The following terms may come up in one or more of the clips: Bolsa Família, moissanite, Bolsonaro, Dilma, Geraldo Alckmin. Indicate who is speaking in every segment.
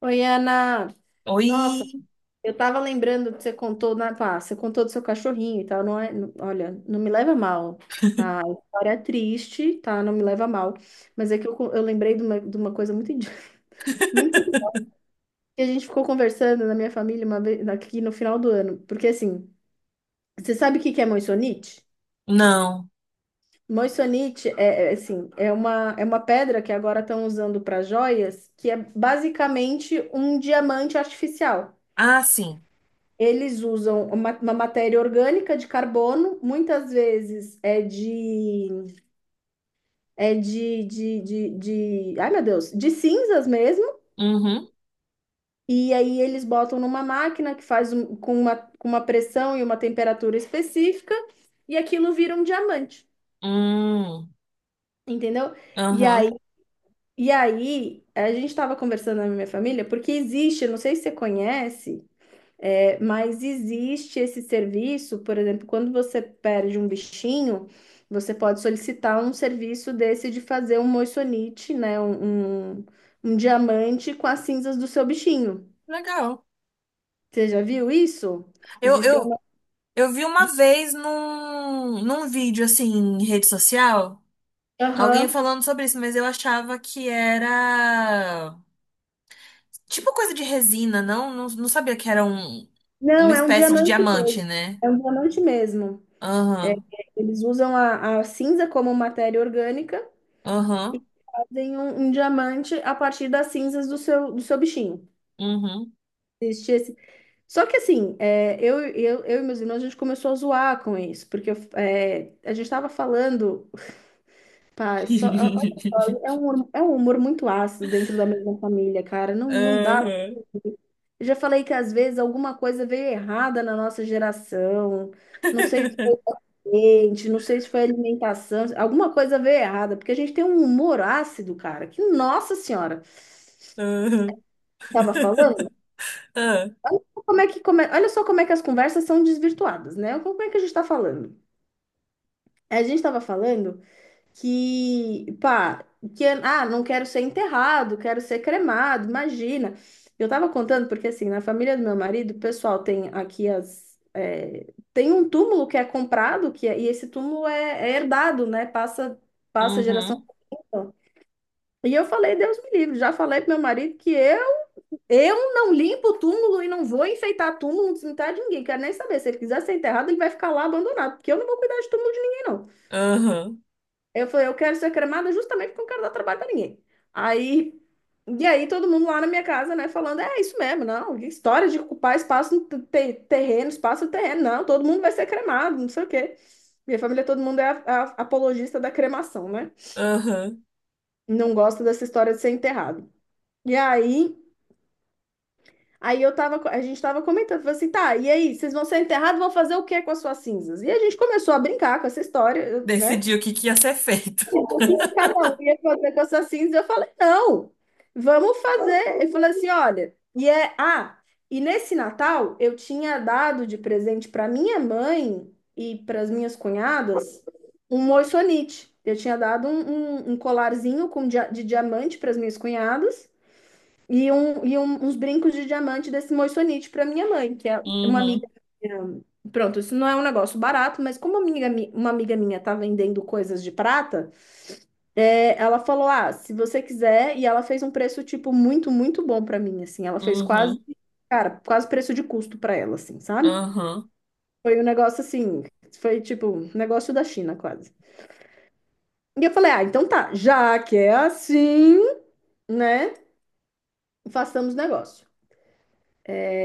Speaker 1: Oi, Ana. Nossa,
Speaker 2: Oi?
Speaker 1: eu tava lembrando que você contou, você contou do seu cachorrinho e tal, não é, olha, não me leva mal, tá? A história é triste, tá? Não me leva mal, mas é que eu lembrei de uma coisa muito idi- que a gente ficou conversando na minha família uma vez aqui no final do ano, porque assim, você sabe o que que é moissanite?
Speaker 2: Não.
Speaker 1: Moissanite assim, é uma pedra que agora estão usando para joias, que é basicamente um diamante artificial.
Speaker 2: Ah, sim.
Speaker 1: Eles usam uma matéria orgânica de carbono, muitas vezes é de, de, de, de, ai meu Deus, de cinzas mesmo.
Speaker 2: Uhum.
Speaker 1: E aí eles botam numa máquina que com com uma pressão e uma temperatura específica, e aquilo vira um diamante,
Speaker 2: Hum.
Speaker 1: entendeu? E aí,
Speaker 2: Aham.
Speaker 1: e aí a gente estava conversando na minha família, porque existe, eu não sei se você conhece. É, mas existe esse serviço, por exemplo, quando você perde um bichinho, você pode solicitar um serviço desse de fazer um moissanite, né? Um diamante com as cinzas do seu bichinho.
Speaker 2: Legal.
Speaker 1: Você já viu isso?
Speaker 2: Eu,
Speaker 1: Existem.
Speaker 2: eu,
Speaker 1: Um,
Speaker 2: eu vi uma vez num vídeo, assim, em rede social, alguém
Speaker 1: Aham.
Speaker 2: falando sobre isso, mas eu achava que era tipo coisa de resina, não? Não, não sabia que era uma
Speaker 1: Não, é um
Speaker 2: espécie de
Speaker 1: diamante
Speaker 2: diamante,
Speaker 1: mesmo.
Speaker 2: né?
Speaker 1: É um diamante mesmo.
Speaker 2: Aham.
Speaker 1: Eles usam a cinza como matéria orgânica,
Speaker 2: Aham.
Speaker 1: fazem um diamante a partir das cinzas do do seu bichinho.
Speaker 2: Uhum.
Speaker 1: Existe esse Só que assim, é, eu e meus irmãos, a gente começou a zoar com isso, porque eu, é, a gente estava falando, olha só, é um, é um humor muito ácido dentro da mesma família, cara, não dá.
Speaker 2: Aham.
Speaker 1: Eu já falei que às vezes alguma coisa veio errada na nossa geração, não sei se foi ambiente, não sei se foi alimentação, alguma coisa veio errada, porque a gente tem um humor ácido, cara, que nossa senhora,
Speaker 2: Aham.
Speaker 1: estava falando, como é que, come- olha só como é que as conversas são desvirtuadas, né? Como é que a gente está falando? A gente estava falando que, pá, que, ah, não quero ser enterrado, quero ser cremado, imagina. Eu estava contando porque, assim, na família do meu marido, o pessoal tem aqui as. É, tem um túmulo que é comprado, e esse túmulo é herdado, né? Passa geração.
Speaker 2: Aham.
Speaker 1: por geração. E eu falei, Deus me livre, já falei pro meu marido eu não limpo o túmulo e não vou enfeitar túmulo, não cemitério de ninguém. Quero nem saber. Se ele quiser ser enterrado, ele vai ficar lá abandonado, porque eu não vou cuidar de túmulo de ninguém, não.
Speaker 2: Aham,
Speaker 1: Eu falei, eu quero ser cremada justamente porque eu não quero dar trabalho pra ninguém. Aí, e aí todo mundo lá na minha casa, né, falando, é isso mesmo, não, que história de ocupar espaço terreno, espaço no terreno, não, todo mundo vai ser cremado, não sei o quê. Minha família, todo mundo é apologista da cremação, né?
Speaker 2: aham.
Speaker 1: Não gosta dessa história de ser enterrado. E aí, aí eu a gente tava comentando, falei assim, tá, e aí, vocês vão ser enterrados, vão fazer o quê com as suas cinzas? E a gente começou a brincar com essa história, né?
Speaker 2: Decidiu o que que ia ser feito.
Speaker 1: O que que cada um ia fazer com essas cinzas? Eu falei, não, vamos fazer. Ele falou assim, olha, e nesse Natal eu tinha dado de presente para minha mãe e para as minhas cunhadas um moissanite. Eu tinha dado um colarzinho com de diamante para as minhas cunhadas uns brincos de diamante desse moissanite para minha mãe, que é uma amiga
Speaker 2: Uhum,
Speaker 1: minha. Pronto, isso não é um negócio barato, mas como uma amiga, uma amiga minha tá vendendo coisas de prata, é, ela falou: Ah, se você quiser, e ela fez um preço, tipo, muito bom para mim, assim. Ela fez quase,
Speaker 2: uhum,
Speaker 1: cara, quase preço de custo para ela, assim, sabe?
Speaker 2: uhum,
Speaker 1: Foi um negócio assim, foi tipo, um negócio da China, quase. E eu falei: Ah, então tá, já que é assim, né, façamos negócio.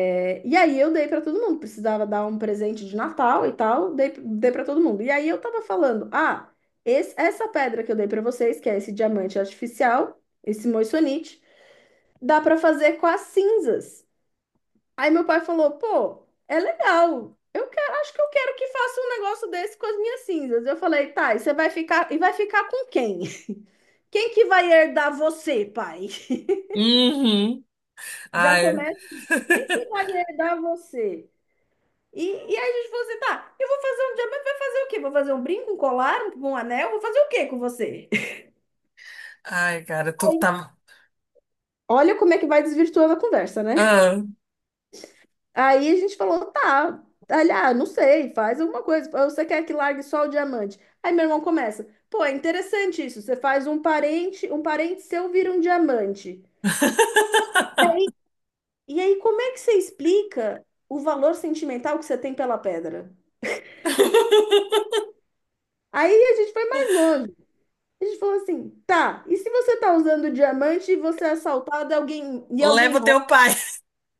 Speaker 1: É, e aí eu dei pra todo mundo, precisava dar um presente de Natal e tal, dei para todo mundo. E aí eu tava falando, ah, essa pedra que eu dei pra vocês, que é esse diamante artificial, esse moissanite, dá pra fazer com as cinzas. Aí meu pai falou, pô, é legal. Eu quero, acho que eu quero que faça um negócio desse com as minhas cinzas. Eu falei, tá, e vai ficar com quem? Quem que vai herdar você, pai?
Speaker 2: uhum.
Speaker 1: Já
Speaker 2: Ai,
Speaker 1: começa, quem que vai herdar você? E aí a gente falou assim, tá, eu vou fazer um diamante, vai fazer o quê? Vou fazer um brinco, um colar, um anel? Vou fazer o quê com você?
Speaker 2: ai, cara, tu tá.
Speaker 1: Olha como é que vai desvirtuando a conversa, né?
Speaker 2: Ah.
Speaker 1: Aí a gente falou, tá, olha, não sei, faz alguma coisa. Você quer que largue só o diamante? Aí meu irmão começa, pô, é interessante isso. Você faz um parente seu vira um diamante. E aí como é que você explica o valor sentimental que você tem pela pedra? Aí a gente foi mais longe. A gente falou assim, tá, e se você tá usando diamante e você é assaltado alguém, e alguém
Speaker 2: Leva o
Speaker 1: rouba?
Speaker 2: teu pai.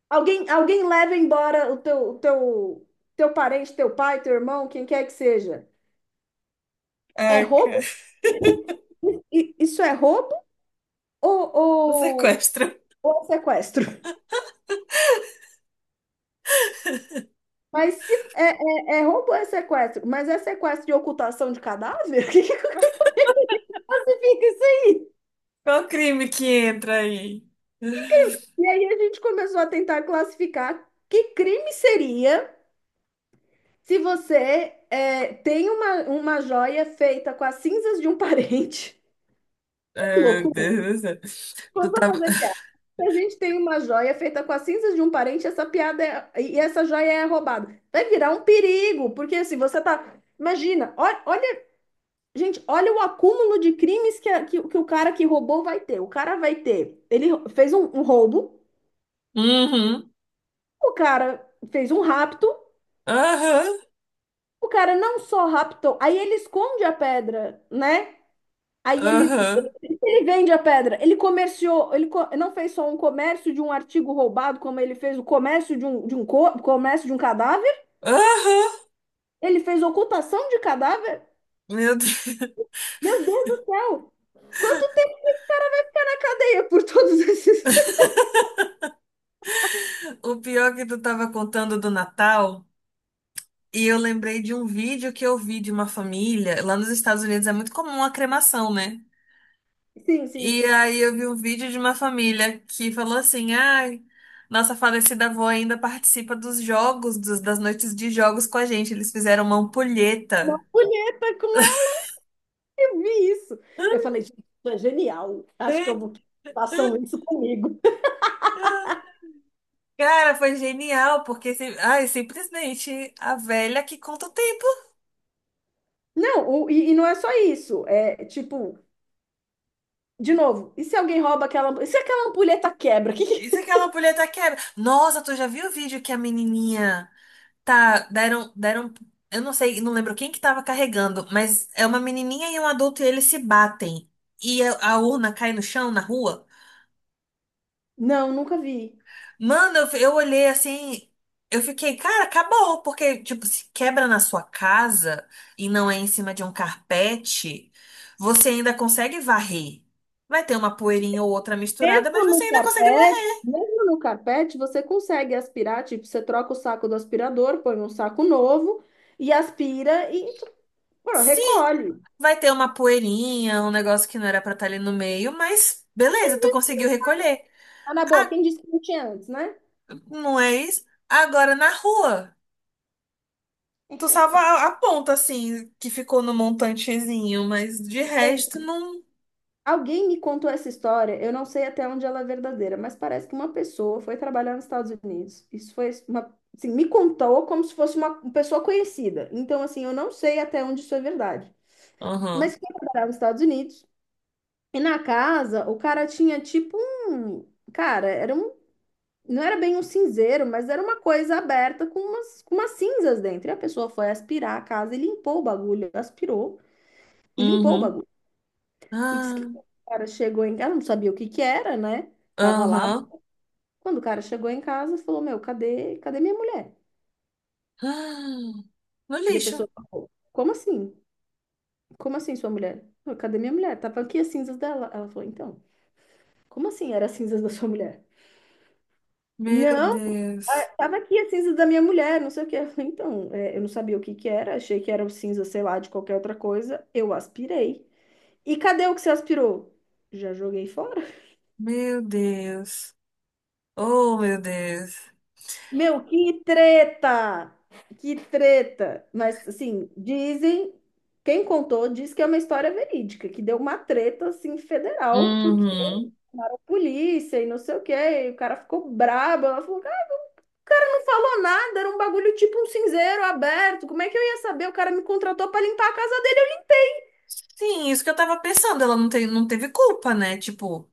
Speaker 1: Alguém, alguém leva embora o teu, teu parente, teu pai, teu irmão, quem quer que seja. É
Speaker 2: Ai, cara,
Speaker 1: roubo? Isso é roubo ou,
Speaker 2: o
Speaker 1: ou,
Speaker 2: sequestro.
Speaker 1: ou é sequestro? Mas se é, é, é roubo ou é sequestro? Mas é sequestro de ocultação de cadáver? O que que classifica isso aí?
Speaker 2: Qual o crime que entra aí?
Speaker 1: E aí a gente começou a tentar classificar que crime seria. Se você é, tem uma joia feita com as cinzas de um parente, Ai, que
Speaker 2: Ai, meu
Speaker 1: loucura!
Speaker 2: Deus do céu.
Speaker 1: Vou
Speaker 2: Tu
Speaker 1: só
Speaker 2: tá.
Speaker 1: fazer piada. Se a gente tem uma joia feita com as cinzas de um parente, essa piada e essa joia é roubada. Vai virar um perigo, porque se você tá. Imagina, olha, gente, olha o acúmulo de crimes que o cara que roubou vai ter. O cara vai ter. Fez um roubo,
Speaker 2: Uhum,
Speaker 1: o cara fez um rapto,
Speaker 2: aham,
Speaker 1: o cara não só raptou, aí ele esconde a pedra, né? Aí ele,
Speaker 2: aham,
Speaker 1: ele vende a pedra. Ele comerciou, não fez só um comércio de um artigo roubado, como ele fez o comércio comércio de um cadáver.
Speaker 2: aham.
Speaker 1: Ele fez ocultação de cadáver.
Speaker 2: Meu Deus.
Speaker 1: Meu Deus do céu! Quanto tempo ele ficará na cadeia por todos esses?
Speaker 2: O pior que tu tava contando do Natal, e eu lembrei de um vídeo que eu vi de uma família. Lá nos Estados Unidos é muito comum a cremação, né?
Speaker 1: Sim, sim.
Speaker 2: E aí eu vi um vídeo de uma família que falou assim: ai, nossa falecida avó ainda participa dos jogos, das noites de jogos com a gente. Eles fizeram uma
Speaker 1: Uma
Speaker 2: ampulheta.
Speaker 1: punheta com ela, eu vi isso. Eu falei, gente, isso é genial. Acho que eu vou façam isso comigo.
Speaker 2: Cara, foi genial, porque ai, simplesmente a velha que conta o tempo.
Speaker 1: Não, e não é só isso. É tipo, de novo, e se alguém rouba aquela, e se aquela ampulheta quebra?
Speaker 2: Isso é aquela ampulheta quebra. Nossa, tu já viu o vídeo que a menininha. Tá, eu não sei, não lembro quem que tava carregando, mas é uma menininha e um adulto e eles se batem. E a urna cai no chão, na rua.
Speaker 1: Não, nunca vi.
Speaker 2: Mano, eu olhei assim, eu fiquei, cara, acabou, porque, tipo, se quebra na sua casa e não é em cima de um carpete, você ainda consegue varrer. Vai ter uma poeirinha ou outra misturada, mas você ainda consegue varrer.
Speaker 1: Mesmo no carpete, você consegue aspirar, tipo, você troca o saco do aspirador, põe um saco novo e aspira e pô,
Speaker 2: Sim,
Speaker 1: recolhe.
Speaker 2: vai ter uma poeirinha, um negócio que não era pra estar ali no meio, mas beleza, tu conseguiu recolher.
Speaker 1: Tá na boa, quem disse que não tinha antes, né?
Speaker 2: Não é isso? Agora na rua. Tu salva a ponta, assim, que ficou no montantezinho, mas de
Speaker 1: Tem.
Speaker 2: resto não.
Speaker 1: Alguém me contou essa história, eu não sei até onde ela é verdadeira, mas parece que uma pessoa foi trabalhar nos Estados Unidos. Isso foi uma, assim, me contou como se fosse uma pessoa conhecida. Então, assim, eu não sei até onde isso é verdade.
Speaker 2: Aham.
Speaker 1: Mas foi trabalhar nos Estados Unidos. E na casa, o cara tinha tipo um. Cara, era um. Não era bem um cinzeiro, mas era uma coisa aberta com com umas cinzas dentro. E a pessoa foi aspirar a casa e limpou o bagulho. Aspirou e limpou o
Speaker 2: Uhum.
Speaker 1: bagulho. E disse
Speaker 2: Ah,
Speaker 1: que quando o cara chegou em casa, ela não sabia o que que era, né? Tava lá.
Speaker 2: aham.
Speaker 1: Quando o cara chegou em casa, falou: Meu, cadê minha mulher?
Speaker 2: Ah, no
Speaker 1: E a
Speaker 2: lixo.
Speaker 1: pessoa falou: Como assim? Como assim, sua mulher? "Não, cadê minha mulher? Tava aqui as cinzas dela. Ela falou: Então, como assim era as cinzas da sua mulher?
Speaker 2: Meu
Speaker 1: Não. Ah,
Speaker 2: Deus.
Speaker 1: tava aqui a cinza da minha mulher, não sei o que. Eu falei, então, é, eu não sabia o que que era, achei que era o cinza, sei lá, de qualquer outra coisa. Eu aspirei. E cadê o que você aspirou? Já joguei fora.
Speaker 2: Meu Deus. Oh, meu Deus.
Speaker 1: Meu, que treta! Que treta! Mas, assim, dizem, quem contou diz que é uma história verídica, que deu uma treta, assim, federal, porque
Speaker 2: Uhum.
Speaker 1: a polícia e não sei o que e o cara ficou brabo. Ela falou, cara, não falou nada, era um bagulho tipo um cinzeiro aberto, como é que eu ia saber? O cara me contratou pra limpar a casa.
Speaker 2: Sim, isso que eu tava pensando. Ela não tem, não teve culpa, né? Tipo,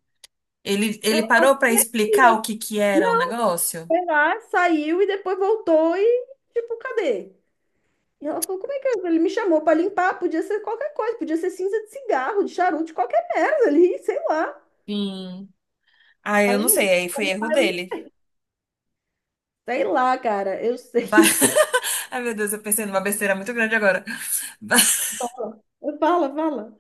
Speaker 2: ele parou pra explicar o que que era o negócio?
Speaker 1: Foi lá, saiu e depois voltou e, tipo, cadê? E ela falou, como é que é? Ele me chamou pra limpar, podia ser qualquer coisa, podia ser cinza de cigarro, de charuto, de qualquer merda ali, sei lá.
Speaker 2: Sim. Ah, eu
Speaker 1: Ela
Speaker 2: não sei.
Speaker 1: limpou,
Speaker 2: Aí
Speaker 1: eu
Speaker 2: foi erro
Speaker 1: limpar, eu limpei.
Speaker 2: dele.
Speaker 1: Sei lá, cara, eu
Speaker 2: Vai...
Speaker 1: sei.
Speaker 2: Ai, meu Deus, eu pensei numa besteira muito grande agora.
Speaker 1: Fala, fala.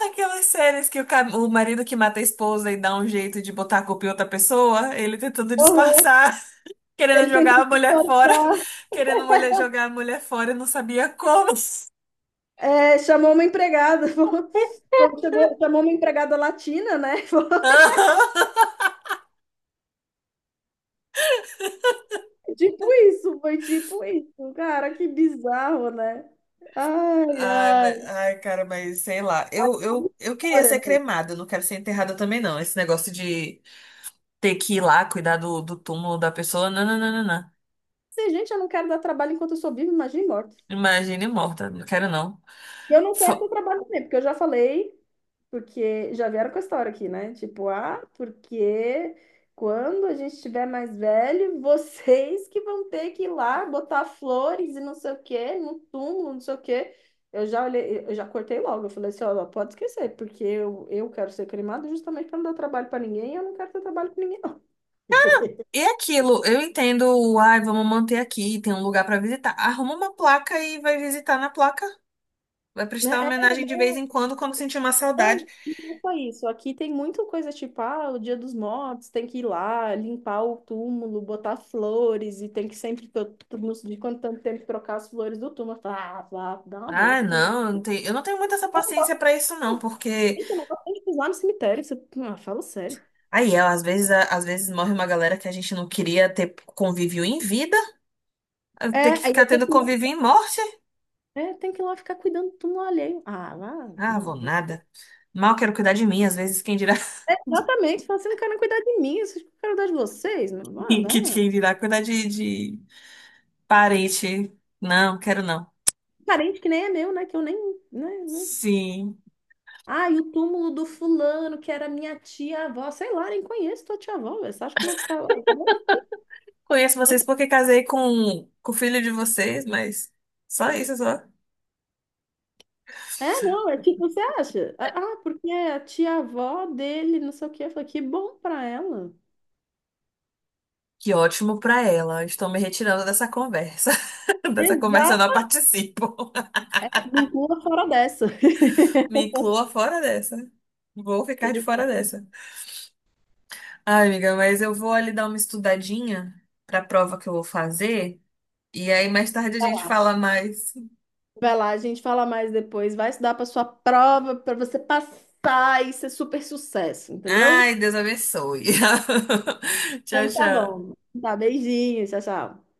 Speaker 2: Aquelas séries que o marido que mata a esposa e dá um jeito de botar a culpa em outra pessoa, ele tentando
Speaker 1: Uhum.
Speaker 2: disfarçar, querendo
Speaker 1: Ele
Speaker 2: jogar a
Speaker 1: tentou se
Speaker 2: mulher fora,
Speaker 1: soltar,
Speaker 2: querendo mulher jogar a mulher fora e não sabia como.
Speaker 1: é, chamou uma empregada, chegou, chamou uma empregada latina, né? Falou, tipo isso, foi tipo isso. Cara, que bizarro, né? Ai,
Speaker 2: Ai, mas-
Speaker 1: ai.
Speaker 2: ai, cara, mas sei lá. Eu queria
Speaker 1: Ora,
Speaker 2: ser
Speaker 1: não.
Speaker 2: cremada, eu não quero ser enterrada também, não. Esse negócio de ter que ir lá cuidar do túmulo da pessoa, não, não, não, não, não.
Speaker 1: Se, gente, eu não quero dar trabalho enquanto eu sou viva, imagina morta.
Speaker 2: Imagine morta, não quero não.
Speaker 1: E eu não quero ter trabalho também, porque eu já falei, porque já vieram com a história aqui, né? Tipo, ah, porque quando a gente estiver mais velho, vocês que vão ter que ir lá botar flores e não sei o quê, no túmulo, não sei o quê. Eu já olhei, eu já cortei logo. Eu falei assim, ó, pode esquecer, porque eu quero ser cremado justamente para não dar trabalho para ninguém, e eu não quero ter trabalho com ninguém, não.
Speaker 2: E aquilo, eu entendo, ai, vamos manter aqui, tem um lugar pra visitar. Arruma uma placa e vai visitar na placa. Vai prestar
Speaker 1: Né?
Speaker 2: homenagem de vez em quando, quando sentir uma saudade.
Speaker 1: Não, e não foi isso. Aqui tem muita coisa tipo, ah, o Dia dos Mortos, tem que ir lá, limpar o túmulo, botar flores, e tem que sempre, não sei de quanto tanto tempo, trocar as flores do túmulo. Eu falo, ah, vá, dá uma
Speaker 2: Ah,
Speaker 1: volta. Tem...
Speaker 2: não, eu não tenho muita essa paciência pra isso, não, porque
Speaker 1: Gente, eu não gosto nem de pisar no cemitério. Isso... Ah, fala sério.
Speaker 2: aí, ela, às vezes, às vezes morre uma galera que a gente não queria ter convívio em vida, ter
Speaker 1: É,
Speaker 2: que
Speaker 1: aí
Speaker 2: ficar
Speaker 1: eu tenho
Speaker 2: tendo
Speaker 1: que ir lá,
Speaker 2: convívio em morte.
Speaker 1: é, tem que ir lá ficar cuidando do túmulo alheio. Ah, lá,
Speaker 2: Ah, vou
Speaker 1: não. vou-
Speaker 2: nada. Mal quero cuidar de mim, às vezes quem dirá,
Speaker 1: Exatamente, fala assim, não quero nem cuidar de mim, vocês não quero cuidar de vocês. Não, não, não.
Speaker 2: quem dirá cuidar de parente. Não, quero não.
Speaker 1: Parente que nem é meu, né? Que eu nem, né? né.
Speaker 2: Sim.
Speaker 1: Ah, e o túmulo do fulano, que era minha tia-avó. Sei lá, nem conheço tua tia-avó. Velho. Você acha que eu vou ficar lá? Tá bom?
Speaker 2: Conheço vocês porque casei com o filho de vocês, mas só isso, só.
Speaker 1: É, não, é tipo, você acha? Ah, ah, porque é a tia-avó dele, não sei o quê. Eu falei, que bom pra ela.
Speaker 2: Que ótimo pra ela. Estou me retirando dessa conversa. Dessa conversa eu
Speaker 1: Exato,
Speaker 2: não participo.
Speaker 1: me inclua fora dessa.
Speaker 2: Me inclua fora dessa. Vou ficar de fora dessa. Ai, amiga, mas eu vou ali dar uma estudadinha pra prova que eu vou fazer. E aí mais tarde a gente fala mais.
Speaker 1: Vai lá, a gente fala mais depois. Vai estudar para sua prova, para você passar e ser super sucesso, entendeu?
Speaker 2: Ai, Deus abençoe. Tchau,
Speaker 1: Então tá
Speaker 2: tchau.
Speaker 1: bom. Tá, beijinho, tchau, tchau.